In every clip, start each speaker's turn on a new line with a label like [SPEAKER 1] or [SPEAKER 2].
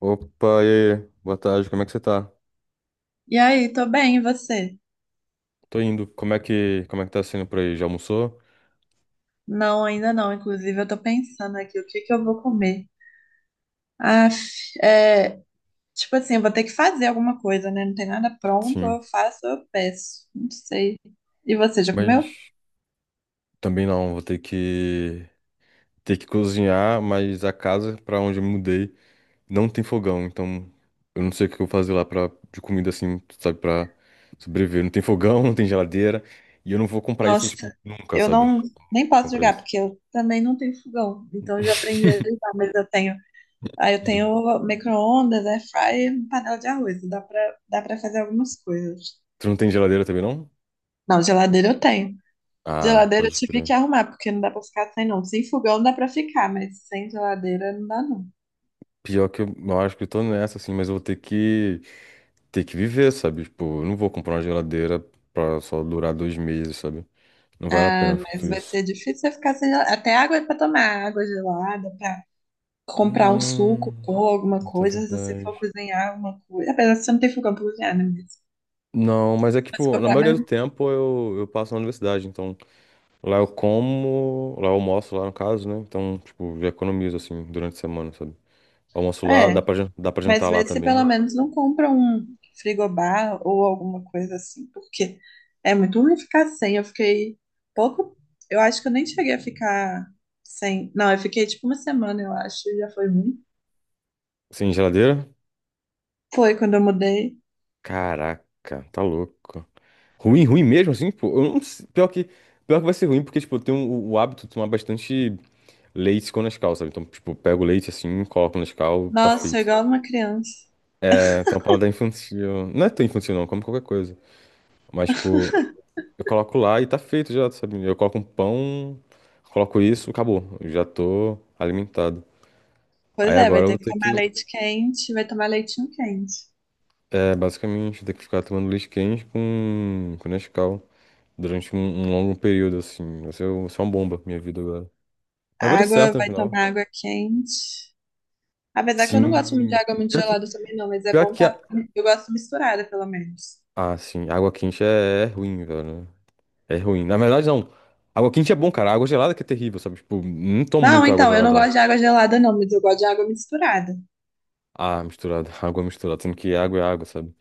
[SPEAKER 1] Opa, e aí? Boa tarde, como é que você tá?
[SPEAKER 2] E aí, tô bem, e você?
[SPEAKER 1] Tô indo. Como é que tá sendo por aí? Já almoçou?
[SPEAKER 2] Não, ainda não. Inclusive, eu tô pensando aqui, o que que eu vou comer? Ah, é, tipo assim, eu vou ter que fazer alguma coisa, né? Não tem nada pronto, ou
[SPEAKER 1] Sim.
[SPEAKER 2] eu faço ou eu peço. Não sei. E você, já comeu?
[SPEAKER 1] Mas também não, vou ter que cozinhar, mas a casa pra onde eu me mudei não tem fogão, então eu não sei o que eu vou fazer lá pra, de comida assim, sabe, pra sobreviver. Não tem fogão, não tem geladeira, e eu não vou comprar isso, tipo,
[SPEAKER 2] Nossa,
[SPEAKER 1] nunca,
[SPEAKER 2] eu
[SPEAKER 1] sabe?
[SPEAKER 2] não, nem
[SPEAKER 1] Vou
[SPEAKER 2] posso
[SPEAKER 1] comprar
[SPEAKER 2] jogar,
[SPEAKER 1] isso.
[SPEAKER 2] porque eu também não tenho fogão. Então, eu já aprendi a ligar, mas eu tenho. Ah, eu tenho micro-ondas, air fryer, panela de arroz. Dá pra fazer algumas coisas.
[SPEAKER 1] Tu não tem geladeira também, não?
[SPEAKER 2] Não, geladeira eu tenho.
[SPEAKER 1] Ah,
[SPEAKER 2] Geladeira eu
[SPEAKER 1] pode
[SPEAKER 2] tive que
[SPEAKER 1] crer.
[SPEAKER 2] arrumar, porque não dá pra ficar sem não. Sem fogão dá pra ficar, mas sem geladeira não dá não.
[SPEAKER 1] Pior que eu, acho que eu tô nessa, assim, mas eu vou ter que viver, sabe? Tipo, eu não vou comprar uma geladeira pra só durar 2 meses, sabe? Não vale a
[SPEAKER 2] Ah,
[SPEAKER 1] pena ficar
[SPEAKER 2] mas
[SPEAKER 1] tudo
[SPEAKER 2] vai
[SPEAKER 1] isso.
[SPEAKER 2] ser difícil você ficar sem geladeira. Até água é pra tomar, água gelada, pra comprar um
[SPEAKER 1] Hum,
[SPEAKER 2] suco, pôr alguma
[SPEAKER 1] isso é
[SPEAKER 2] coisa, se você for
[SPEAKER 1] verdade.
[SPEAKER 2] cozinhar alguma coisa. Apesar de você não ter fogão pra cozinhar, né?
[SPEAKER 1] Não, mas é que,
[SPEAKER 2] Mas se você
[SPEAKER 1] tipo, na
[SPEAKER 2] comprar,
[SPEAKER 1] maioria
[SPEAKER 2] mas.
[SPEAKER 1] do tempo eu passo na universidade, então lá eu como, lá eu almoço lá no caso, né? Então, tipo, já economizo assim durante a semana, sabe? Almoço lá,
[SPEAKER 2] É.
[SPEAKER 1] dá pra, dá pra jantar
[SPEAKER 2] Mas
[SPEAKER 1] lá
[SPEAKER 2] vê se pelo
[SPEAKER 1] também.
[SPEAKER 2] menos não compra um frigobar ou alguma coisa assim, porque é muito ruim ficar sem. Eu fiquei pouco. Eu acho que eu nem cheguei a ficar sem. Não, eu fiquei tipo uma semana, eu acho, e já foi ruim.
[SPEAKER 1] Sem geladeira?
[SPEAKER 2] Foi quando eu mudei.
[SPEAKER 1] Caraca, tá louco. Ruim, ruim mesmo assim, pô. Eu não sei- Pior que vai ser ruim, porque, tipo, eu tenho o hábito de tomar bastante. Leite com Nescau, sabe? Então, tipo, pego o leite assim, coloco no Nescau, tá
[SPEAKER 2] Nossa,
[SPEAKER 1] feito.
[SPEAKER 2] igual uma criança.
[SPEAKER 1] É, tem uma paladar infantil. Não é tão infantil, não, como qualquer coisa. Mas, tipo, eu coloco lá e tá feito já, sabe? Eu coloco um pão, coloco isso, acabou. Eu já tô alimentado.
[SPEAKER 2] Pois
[SPEAKER 1] Aí
[SPEAKER 2] é, vai
[SPEAKER 1] agora eu
[SPEAKER 2] ter
[SPEAKER 1] vou
[SPEAKER 2] que
[SPEAKER 1] ter
[SPEAKER 2] tomar
[SPEAKER 1] que,
[SPEAKER 2] leite quente, vai tomar leitinho quente.
[SPEAKER 1] é, basicamente, ter que ficar tomando leite quente com Nescau durante um longo período, assim. Vai ser uma bomba, minha vida agora. Mas vai dar
[SPEAKER 2] Água,
[SPEAKER 1] certo no
[SPEAKER 2] vai
[SPEAKER 1] final.
[SPEAKER 2] tomar água quente. Apesar que eu não gosto muito de
[SPEAKER 1] Sim.
[SPEAKER 2] água muito
[SPEAKER 1] Pior que,
[SPEAKER 2] gelada também, não, mas é
[SPEAKER 1] pior
[SPEAKER 2] bom
[SPEAKER 1] que
[SPEAKER 2] tá.
[SPEAKER 1] a.
[SPEAKER 2] Eu gosto misturada, pelo menos.
[SPEAKER 1] Ah, sim, água quente é ruim, velho. É ruim. Na verdade, não. Água quente é bom, cara. Água gelada que é terrível, sabe? Tipo, não tomo
[SPEAKER 2] Não,
[SPEAKER 1] muita água
[SPEAKER 2] então, eu não
[SPEAKER 1] gelada, não.
[SPEAKER 2] gosto de água gelada, não, mas eu gosto de água misturada.
[SPEAKER 1] Ah, misturada. Água misturada. Sendo que água é água, sabe?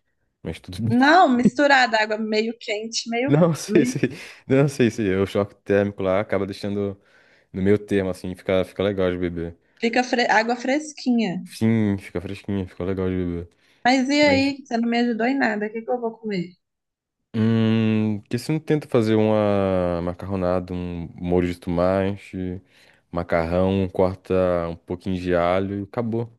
[SPEAKER 1] Mas tudo bem.
[SPEAKER 2] Não, misturada, água meio quente, meio,
[SPEAKER 1] Não sei se.
[SPEAKER 2] meio
[SPEAKER 1] Não sei se. O choque térmico lá acaba deixando no meio termo, assim. Fica legal de beber.
[SPEAKER 2] água fresquinha.
[SPEAKER 1] Sim, fica fresquinho. Fica legal de beber.
[SPEAKER 2] Mas e
[SPEAKER 1] Mas.
[SPEAKER 2] aí, você não me ajudou em nada, o que que eu vou comer?
[SPEAKER 1] Hum. Por que você não tenta fazer uma macarronada, um molho de tomate, macarrão, corta um pouquinho de alho e acabou.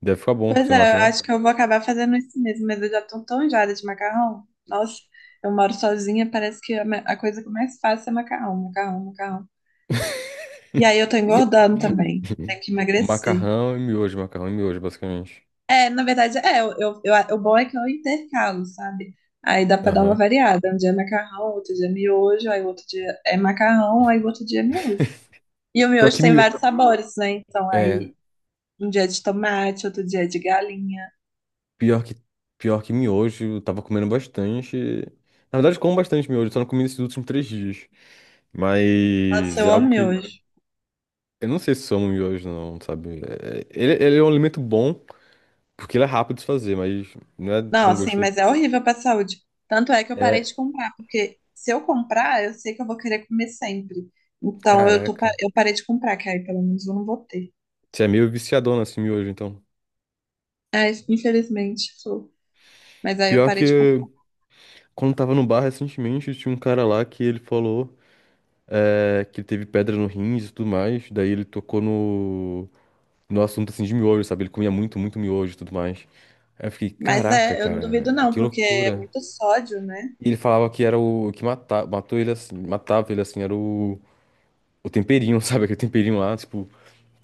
[SPEAKER 1] Deve ficar bom,
[SPEAKER 2] Pois
[SPEAKER 1] você não
[SPEAKER 2] é,
[SPEAKER 1] acha,
[SPEAKER 2] eu
[SPEAKER 1] não?
[SPEAKER 2] acho que eu vou acabar fazendo isso mesmo, mas eu já tô tão enjoada de macarrão. Nossa, eu moro sozinha, parece que a coisa que eu mais faço é macarrão, macarrão, macarrão. E aí eu tô engordando também, tenho que emagrecer.
[SPEAKER 1] Macarrão e miojo, basicamente.
[SPEAKER 2] É, na verdade, o bom é que eu intercalo, sabe? Aí dá pra dar uma
[SPEAKER 1] Aham.
[SPEAKER 2] variada. Um dia é macarrão, outro dia é miojo, aí outro dia é macarrão, aí outro dia é miojo. E o
[SPEAKER 1] Pior
[SPEAKER 2] miojo
[SPEAKER 1] que
[SPEAKER 2] tem
[SPEAKER 1] miojo.
[SPEAKER 2] vários sabores, né? Então
[SPEAKER 1] É,
[SPEAKER 2] aí um dia é de tomate, outro dia é de galinha.
[SPEAKER 1] pior que, pior que miojo, eu tava comendo bastante. Na verdade, eu como bastante miojo, só não comi nesses últimos 3 dias.
[SPEAKER 2] Nossa,
[SPEAKER 1] Mas é
[SPEAKER 2] eu
[SPEAKER 1] algo
[SPEAKER 2] amo
[SPEAKER 1] que.
[SPEAKER 2] miojo.
[SPEAKER 1] Eu não sei se sou chama miojo, não, sabe? Ele é um alimento bom, porque ele é rápido de fazer, mas não é
[SPEAKER 2] Não,
[SPEAKER 1] tão
[SPEAKER 2] assim,
[SPEAKER 1] gostoso.
[SPEAKER 2] mas é horrível pra saúde. Tanto é que eu parei
[SPEAKER 1] É.
[SPEAKER 2] de comprar, porque se eu comprar, eu sei que eu vou querer comer sempre. Então
[SPEAKER 1] Caraca.
[SPEAKER 2] eu parei de comprar, que aí pelo menos eu não vou ter.
[SPEAKER 1] Você é meio viciadona assim miojo, então.
[SPEAKER 2] Ai, infelizmente, sou. Mas aí eu
[SPEAKER 1] Pior
[SPEAKER 2] parei de
[SPEAKER 1] que
[SPEAKER 2] comprar.
[SPEAKER 1] quando tava no bar recentemente, tinha um cara lá que ele falou, que ele teve pedra no rins e tudo mais. Daí ele tocou no assunto assim de miojo, sabe? Ele comia muito, muito miojo e tudo mais. Aí eu fiquei,
[SPEAKER 2] Mas
[SPEAKER 1] caraca,
[SPEAKER 2] é, eu não duvido
[SPEAKER 1] cara,
[SPEAKER 2] não,
[SPEAKER 1] que
[SPEAKER 2] porque é
[SPEAKER 1] loucura.
[SPEAKER 2] muito sódio, né?
[SPEAKER 1] E ele falava que era o que matava, matou ele assim, matava ele assim, era o temperinho, sabe? Aquele temperinho lá, tipo,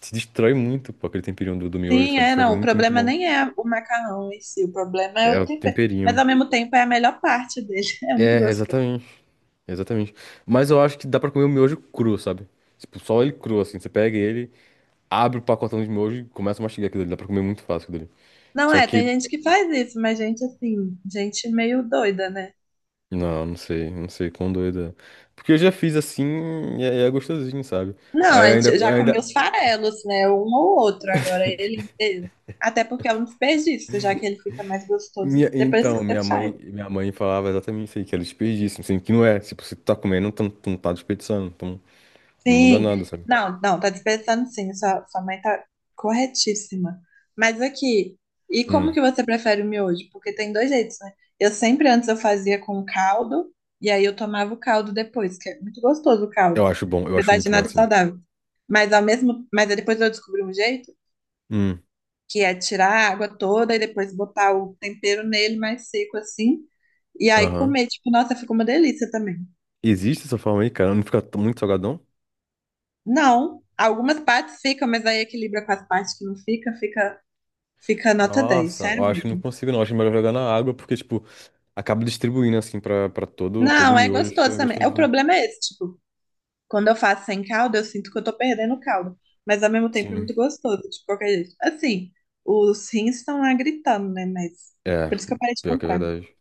[SPEAKER 1] se destrói muito, pô, aquele temperinho do miojo,
[SPEAKER 2] Sim,
[SPEAKER 1] sabe?
[SPEAKER 2] é,
[SPEAKER 1] Faz
[SPEAKER 2] não. O
[SPEAKER 1] muito, muito
[SPEAKER 2] problema
[SPEAKER 1] mal.
[SPEAKER 2] nem é o macarrão em si, o problema é
[SPEAKER 1] É
[SPEAKER 2] o
[SPEAKER 1] o
[SPEAKER 2] tempero. Mas
[SPEAKER 1] temperinho.
[SPEAKER 2] ao mesmo tempo é a melhor parte dele, é muito
[SPEAKER 1] É,
[SPEAKER 2] gostoso.
[SPEAKER 1] exatamente. Exatamente. Mas eu acho que dá pra comer o miojo cru, sabe? Tipo, só ele cru, assim. Você pega ele, abre o pacotão de miojo e começa a mastigar aquilo ali. Dá pra comer muito fácil aquilo ali.
[SPEAKER 2] Não
[SPEAKER 1] Só
[SPEAKER 2] é, tem
[SPEAKER 1] que,
[SPEAKER 2] gente que faz isso, mas gente assim, gente meio doida, né?
[SPEAKER 1] não, não sei quão doido é. Porque eu já fiz assim e é gostosinho, sabe?
[SPEAKER 2] Não,
[SPEAKER 1] Aí eu
[SPEAKER 2] a
[SPEAKER 1] ainda,
[SPEAKER 2] gente eu
[SPEAKER 1] eu
[SPEAKER 2] já comi
[SPEAKER 1] ainda.
[SPEAKER 2] os farelos, né? Um ou outro, agora ele inteiro. Até porque é um desperdício, já que ele fica mais gostoso
[SPEAKER 1] Minha,
[SPEAKER 2] depois que
[SPEAKER 1] então,
[SPEAKER 2] você
[SPEAKER 1] minha mãe,
[SPEAKER 2] faz.
[SPEAKER 1] minha mãe falava exatamente isso aí, que era desperdício, assim, que não é. Tipo, você tá comendo, tu não tá desperdiçando, então não muda
[SPEAKER 2] Sim,
[SPEAKER 1] nada, sabe?
[SPEAKER 2] não, não, tá desperdiçando sim, sua mãe tá corretíssima. Mas aqui, e como
[SPEAKER 1] Hum,
[SPEAKER 2] que você prefere o miojo? Porque tem dois jeitos, né? Eu sempre antes eu fazia com caldo, e aí eu tomava o caldo depois, que é muito gostoso o
[SPEAKER 1] eu
[SPEAKER 2] caldo,
[SPEAKER 1] acho bom, eu acho
[SPEAKER 2] apesar de
[SPEAKER 1] muito bom
[SPEAKER 2] nada
[SPEAKER 1] assim.
[SPEAKER 2] saudável. Mas aí depois eu descobri um jeito,
[SPEAKER 1] Hum,
[SPEAKER 2] que é tirar a água toda e depois botar o tempero nele mais seco assim, e aí
[SPEAKER 1] aham.
[SPEAKER 2] comer, tipo, nossa, ficou uma delícia também.
[SPEAKER 1] Existe essa forma aí, cara? Não fica muito salgadão?
[SPEAKER 2] Não, algumas partes ficam, mas aí equilibra com as partes que não fica, fica nota 10,
[SPEAKER 1] Nossa, eu
[SPEAKER 2] sério
[SPEAKER 1] acho que não
[SPEAKER 2] mesmo.
[SPEAKER 1] consigo, não. Eu acho melhor jogar na água, porque, tipo, acaba distribuindo, assim, pra todo
[SPEAKER 2] Não, é
[SPEAKER 1] miojo, acho que
[SPEAKER 2] gostoso
[SPEAKER 1] é
[SPEAKER 2] também. É. o
[SPEAKER 1] gostosinho.
[SPEAKER 2] problema é esse, tipo, quando eu faço sem caldo, eu sinto que eu tô perdendo o caldo, mas ao mesmo tempo é
[SPEAKER 1] Sim.
[SPEAKER 2] muito gostoso, de qualquer jeito. Assim, os rins estão lá gritando, né? Mas
[SPEAKER 1] É,
[SPEAKER 2] por isso que eu parei de
[SPEAKER 1] pior que é
[SPEAKER 2] comprar.
[SPEAKER 1] verdade.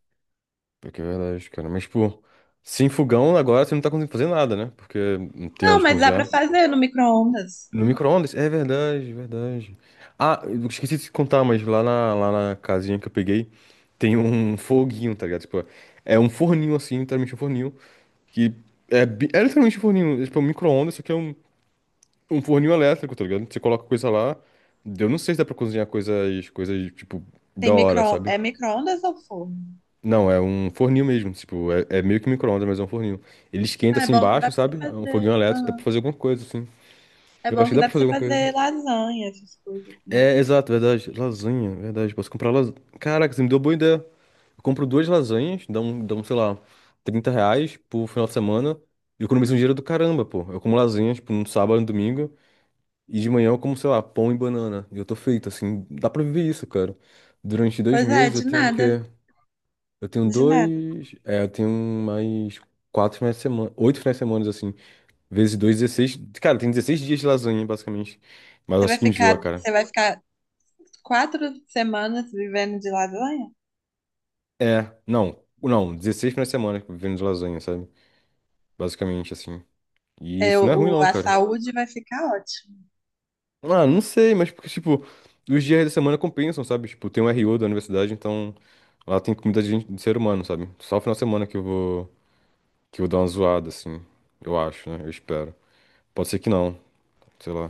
[SPEAKER 1] Pior que é verdade, cara. Mas, pô, sem fogão agora você não tá conseguindo fazer nada, né? Porque não tem
[SPEAKER 2] Não,
[SPEAKER 1] onde
[SPEAKER 2] mas dá pra
[SPEAKER 1] cozinhar.
[SPEAKER 2] fazer no micro-ondas.
[SPEAKER 1] No micro-ondas? É verdade, verdade. Ah, eu esqueci de te contar, mas lá na casinha que eu peguei, tem um foguinho, tá ligado? Tipo, é um forninho assim, literalmente um forninho, que é literalmente um forninho, tipo, um micro-ondas, só que é um forninho elétrico, tá ligado? Você coloca coisa lá. Eu não sei se dá pra cozinhar coisas, tipo, da hora, sabe?
[SPEAKER 2] É micro-ondas ou forno?
[SPEAKER 1] Não, é um forninho mesmo. Tipo, é meio que micro-ondas, mas é um forninho. Ele esquenta
[SPEAKER 2] Ah, é
[SPEAKER 1] assim
[SPEAKER 2] bom que dá
[SPEAKER 1] embaixo,
[SPEAKER 2] pra você
[SPEAKER 1] sabe? É um foguinho
[SPEAKER 2] fazer.
[SPEAKER 1] elétrico, dá pra
[SPEAKER 2] Aham.
[SPEAKER 1] fazer alguma coisa, assim.
[SPEAKER 2] É
[SPEAKER 1] Eu acho
[SPEAKER 2] bom
[SPEAKER 1] que
[SPEAKER 2] que
[SPEAKER 1] dá
[SPEAKER 2] dá
[SPEAKER 1] pra
[SPEAKER 2] pra você
[SPEAKER 1] fazer alguma coisa.
[SPEAKER 2] fazer lasanha, essas coisas, né?
[SPEAKER 1] É, exato, verdade. Lasanha, verdade. Posso comprar lasanha. Caraca, você me deu boa ideia. Eu compro duas lasanhas, dá um, sei lá, R$ 30 por final de semana. E eu economizo um dinheiro do caramba, pô. Eu como lasanha, tipo, no sábado e no domingo. E de manhã eu como, sei lá, pão e banana. E eu tô feito, assim, dá pra viver isso, cara. Durante dois
[SPEAKER 2] Pois é,
[SPEAKER 1] meses eu
[SPEAKER 2] de
[SPEAKER 1] tenho o
[SPEAKER 2] nada.
[SPEAKER 1] quê? Eu tenho
[SPEAKER 2] De nada.
[SPEAKER 1] dois. É, eu tenho mais 4 finais de semana. 8 finais de semana, assim. Vezes dois, 16. Cara, tem 16 dias de lasanha, basicamente. Mas
[SPEAKER 2] Você vai
[SPEAKER 1] acho que enjoa,
[SPEAKER 2] ficar,
[SPEAKER 1] cara.
[SPEAKER 2] você vai ficar 4 semanas vivendo de lasanha?
[SPEAKER 1] É, não. Não, 16 finais de semana vivendo de lasanha, sabe? Basicamente, assim. E
[SPEAKER 2] É,
[SPEAKER 1] isso não é ruim, não,
[SPEAKER 2] a
[SPEAKER 1] cara.
[SPEAKER 2] saúde vai ficar ótima.
[SPEAKER 1] Ah, não sei, mas porque, tipo, os dias da semana compensam, sabe? Tipo, tem um RO da universidade, então. Lá tem comida de ser humano, sabe? Só final de semana que eu vou, dar uma zoada, assim. Eu acho, né? Eu espero. Pode ser que não, sei lá.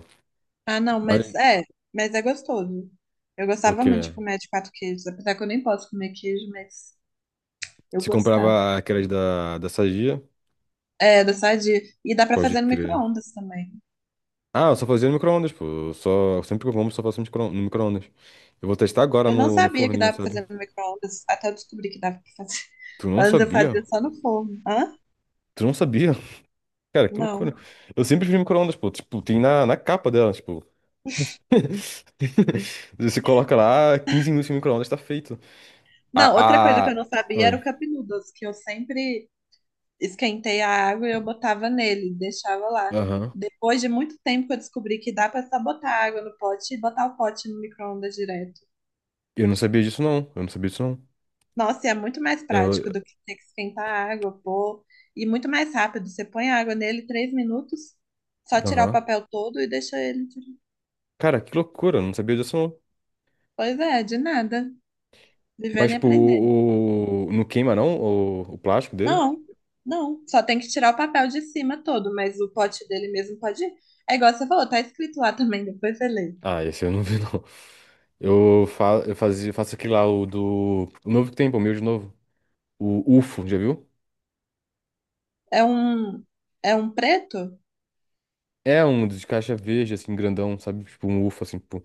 [SPEAKER 2] Ah, não, mas
[SPEAKER 1] Mas,
[SPEAKER 2] é, mas é gostoso. Eu
[SPEAKER 1] o
[SPEAKER 2] gostava muito de
[SPEAKER 1] quê?
[SPEAKER 2] comer de quatro queijos, apesar que eu nem posso comer queijo, mas eu
[SPEAKER 1] Se
[SPEAKER 2] gostava.
[SPEAKER 1] comprava aquelas da Sadia,
[SPEAKER 2] É, da Sadia. E dá pra
[SPEAKER 1] pode
[SPEAKER 2] fazer no
[SPEAKER 1] crer.
[SPEAKER 2] micro-ondas também.
[SPEAKER 1] Ah, eu só fazia no micro-ondas, pô. Eu só, sempre que eu como, só faço no micro-ondas. Eu vou testar agora
[SPEAKER 2] Eu não
[SPEAKER 1] no
[SPEAKER 2] sabia que
[SPEAKER 1] forninho,
[SPEAKER 2] dava pra
[SPEAKER 1] sabe?
[SPEAKER 2] fazer no micro-ondas, até eu descobri que dava pra fazer.
[SPEAKER 1] Tu não
[SPEAKER 2] Antes eu
[SPEAKER 1] sabia?
[SPEAKER 2] fazia só no forno. Hã?
[SPEAKER 1] Tu não sabia? Cara, que
[SPEAKER 2] Não.
[SPEAKER 1] loucura. Eu sempre fiz micro-ondas, pô. Tipo, tem na capa dela, tipo. Você coloca lá, 15 minutos no micro-ondas, tá feito. A,
[SPEAKER 2] Não, outra coisa que eu
[SPEAKER 1] a...
[SPEAKER 2] não sabia era
[SPEAKER 1] Oi.
[SPEAKER 2] o cup noodles, que eu sempre esquentei a água e eu botava nele, deixava lá.
[SPEAKER 1] Aham.
[SPEAKER 2] Depois de muito tempo que eu descobri que dá pra só botar água no pote e botar o pote no micro-ondas direto.
[SPEAKER 1] Eu não sabia disso, não. Eu não sabia disso, não.
[SPEAKER 2] Nossa, e é muito mais
[SPEAKER 1] Eu...
[SPEAKER 2] prático do que ter que esquentar a água, pô. E muito mais rápido. Você põe a água nele 3 minutos, só tirar o
[SPEAKER 1] Aham.
[SPEAKER 2] papel todo e deixa ele.
[SPEAKER 1] Cara, que loucura. Eu não sabia disso, não.
[SPEAKER 2] Pois é, de nada.
[SPEAKER 1] Mas,
[SPEAKER 2] Vivendo e
[SPEAKER 1] tipo,
[SPEAKER 2] aprendendo.
[SPEAKER 1] o não queima, não? O plástico dele?
[SPEAKER 2] Não, não. Só tem que tirar o papel de cima todo, mas o pote dele mesmo pode ir. É igual você falou, tá escrito lá também, depois você lê.
[SPEAKER 1] Ah, esse eu não vi, não. Eu, fa... eu fazia... faço aquele lá, O novo que tem, pô, o meu de novo. O UFO, já viu?
[SPEAKER 2] É um, é um preto
[SPEAKER 1] É um de caixa verde, assim, grandão, sabe? Tipo, um UFO, assim, pô.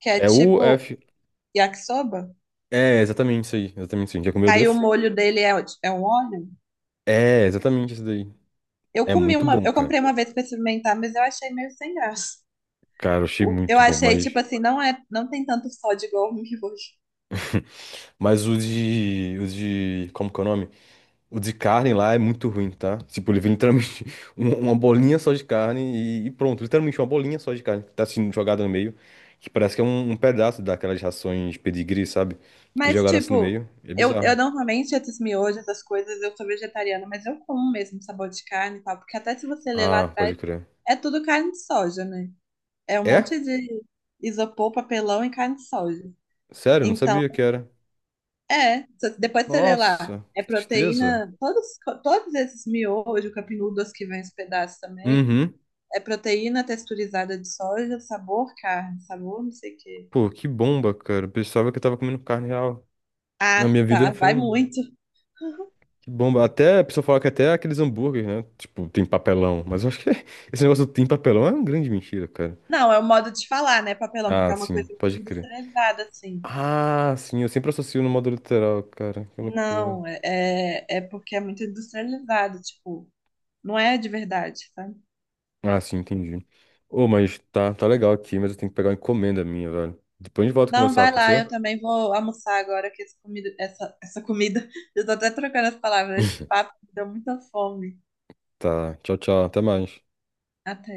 [SPEAKER 2] que é
[SPEAKER 1] É
[SPEAKER 2] tipo
[SPEAKER 1] UF...
[SPEAKER 2] yakisoba.
[SPEAKER 1] É, exatamente isso aí. Exatamente isso aí. Já comeu
[SPEAKER 2] Aí o
[SPEAKER 1] desse?
[SPEAKER 2] molho dele é um óleo.
[SPEAKER 1] É, exatamente isso daí.
[SPEAKER 2] Eu
[SPEAKER 1] É
[SPEAKER 2] comi
[SPEAKER 1] muito
[SPEAKER 2] uma,
[SPEAKER 1] bom,
[SPEAKER 2] eu
[SPEAKER 1] cara.
[SPEAKER 2] comprei uma vez pra experimentar, mas eu achei meio sem graça.
[SPEAKER 1] Cara, eu achei
[SPEAKER 2] Eu
[SPEAKER 1] muito bom,
[SPEAKER 2] achei, tipo
[SPEAKER 1] mas...
[SPEAKER 2] assim, não é, não tem tanto sódio igual o miojo.
[SPEAKER 1] Mas o de. O de. Como que é o nome? O de carne lá é muito ruim, tá? Tipo, ele vem literalmente uma bolinha só de carne e pronto. Literalmente uma bolinha só de carne que tá sendo jogada no meio. Que parece que é um pedaço daquelas rações pedigree, sabe? Que
[SPEAKER 2] Mas,
[SPEAKER 1] jogaram assim no
[SPEAKER 2] tipo,
[SPEAKER 1] meio. É
[SPEAKER 2] eu
[SPEAKER 1] bizarro.
[SPEAKER 2] normalmente esses miojos, essas coisas, eu sou vegetariana, mas eu como mesmo sabor de carne e tal, porque até se você ler lá
[SPEAKER 1] Ah, pode
[SPEAKER 2] atrás,
[SPEAKER 1] crer.
[SPEAKER 2] é tudo carne de soja, né? É um monte
[SPEAKER 1] É?
[SPEAKER 2] de isopor, papelão e carne de soja.
[SPEAKER 1] Sério, não
[SPEAKER 2] Então,
[SPEAKER 1] sabia que era.
[SPEAKER 2] é, só que depois você lê lá.
[SPEAKER 1] Nossa,
[SPEAKER 2] É
[SPEAKER 1] que tristeza.
[SPEAKER 2] proteína, todos esses miojo, capinudos que vem os pedaços também,
[SPEAKER 1] Uhum.
[SPEAKER 2] é proteína texturizada de soja, sabor carne, sabor não sei o quê.
[SPEAKER 1] Pô, que bomba, cara. Pensava que eu tava comendo carne real. Na
[SPEAKER 2] Ah,
[SPEAKER 1] minha vida
[SPEAKER 2] tá,
[SPEAKER 1] foi.
[SPEAKER 2] vai muito.
[SPEAKER 1] Que bomba. Até a pessoa fala que até aqueles hambúrgueres, né? Tipo, tem papelão. Mas eu acho que esse negócio do tem papelão é uma grande mentira, cara.
[SPEAKER 2] Não, é o modo de falar, né, papelão, porque
[SPEAKER 1] Ah,
[SPEAKER 2] é uma
[SPEAKER 1] sim,
[SPEAKER 2] coisa muito
[SPEAKER 1] pode crer.
[SPEAKER 2] industrializada, assim.
[SPEAKER 1] Ah, sim, eu sempre associo no modo literal, cara. Que loucura.
[SPEAKER 2] Não, é, é porque é muito industrializado, tipo, não é de verdade, sabe?
[SPEAKER 1] Ah, sim, entendi. Ô, mas tá, tá legal aqui, mas eu tenho que pegar uma encomenda minha, velho. Depois a gente volta a
[SPEAKER 2] Não,
[SPEAKER 1] conversar,
[SPEAKER 2] vai
[SPEAKER 1] pode
[SPEAKER 2] lá,
[SPEAKER 1] ser?
[SPEAKER 2] eu também vou almoçar agora que essa comida, essa comida, eu tô até trocando as palavras, esse papo me deu muita fome.
[SPEAKER 1] Tá, tchau, tchau, até mais.
[SPEAKER 2] Até.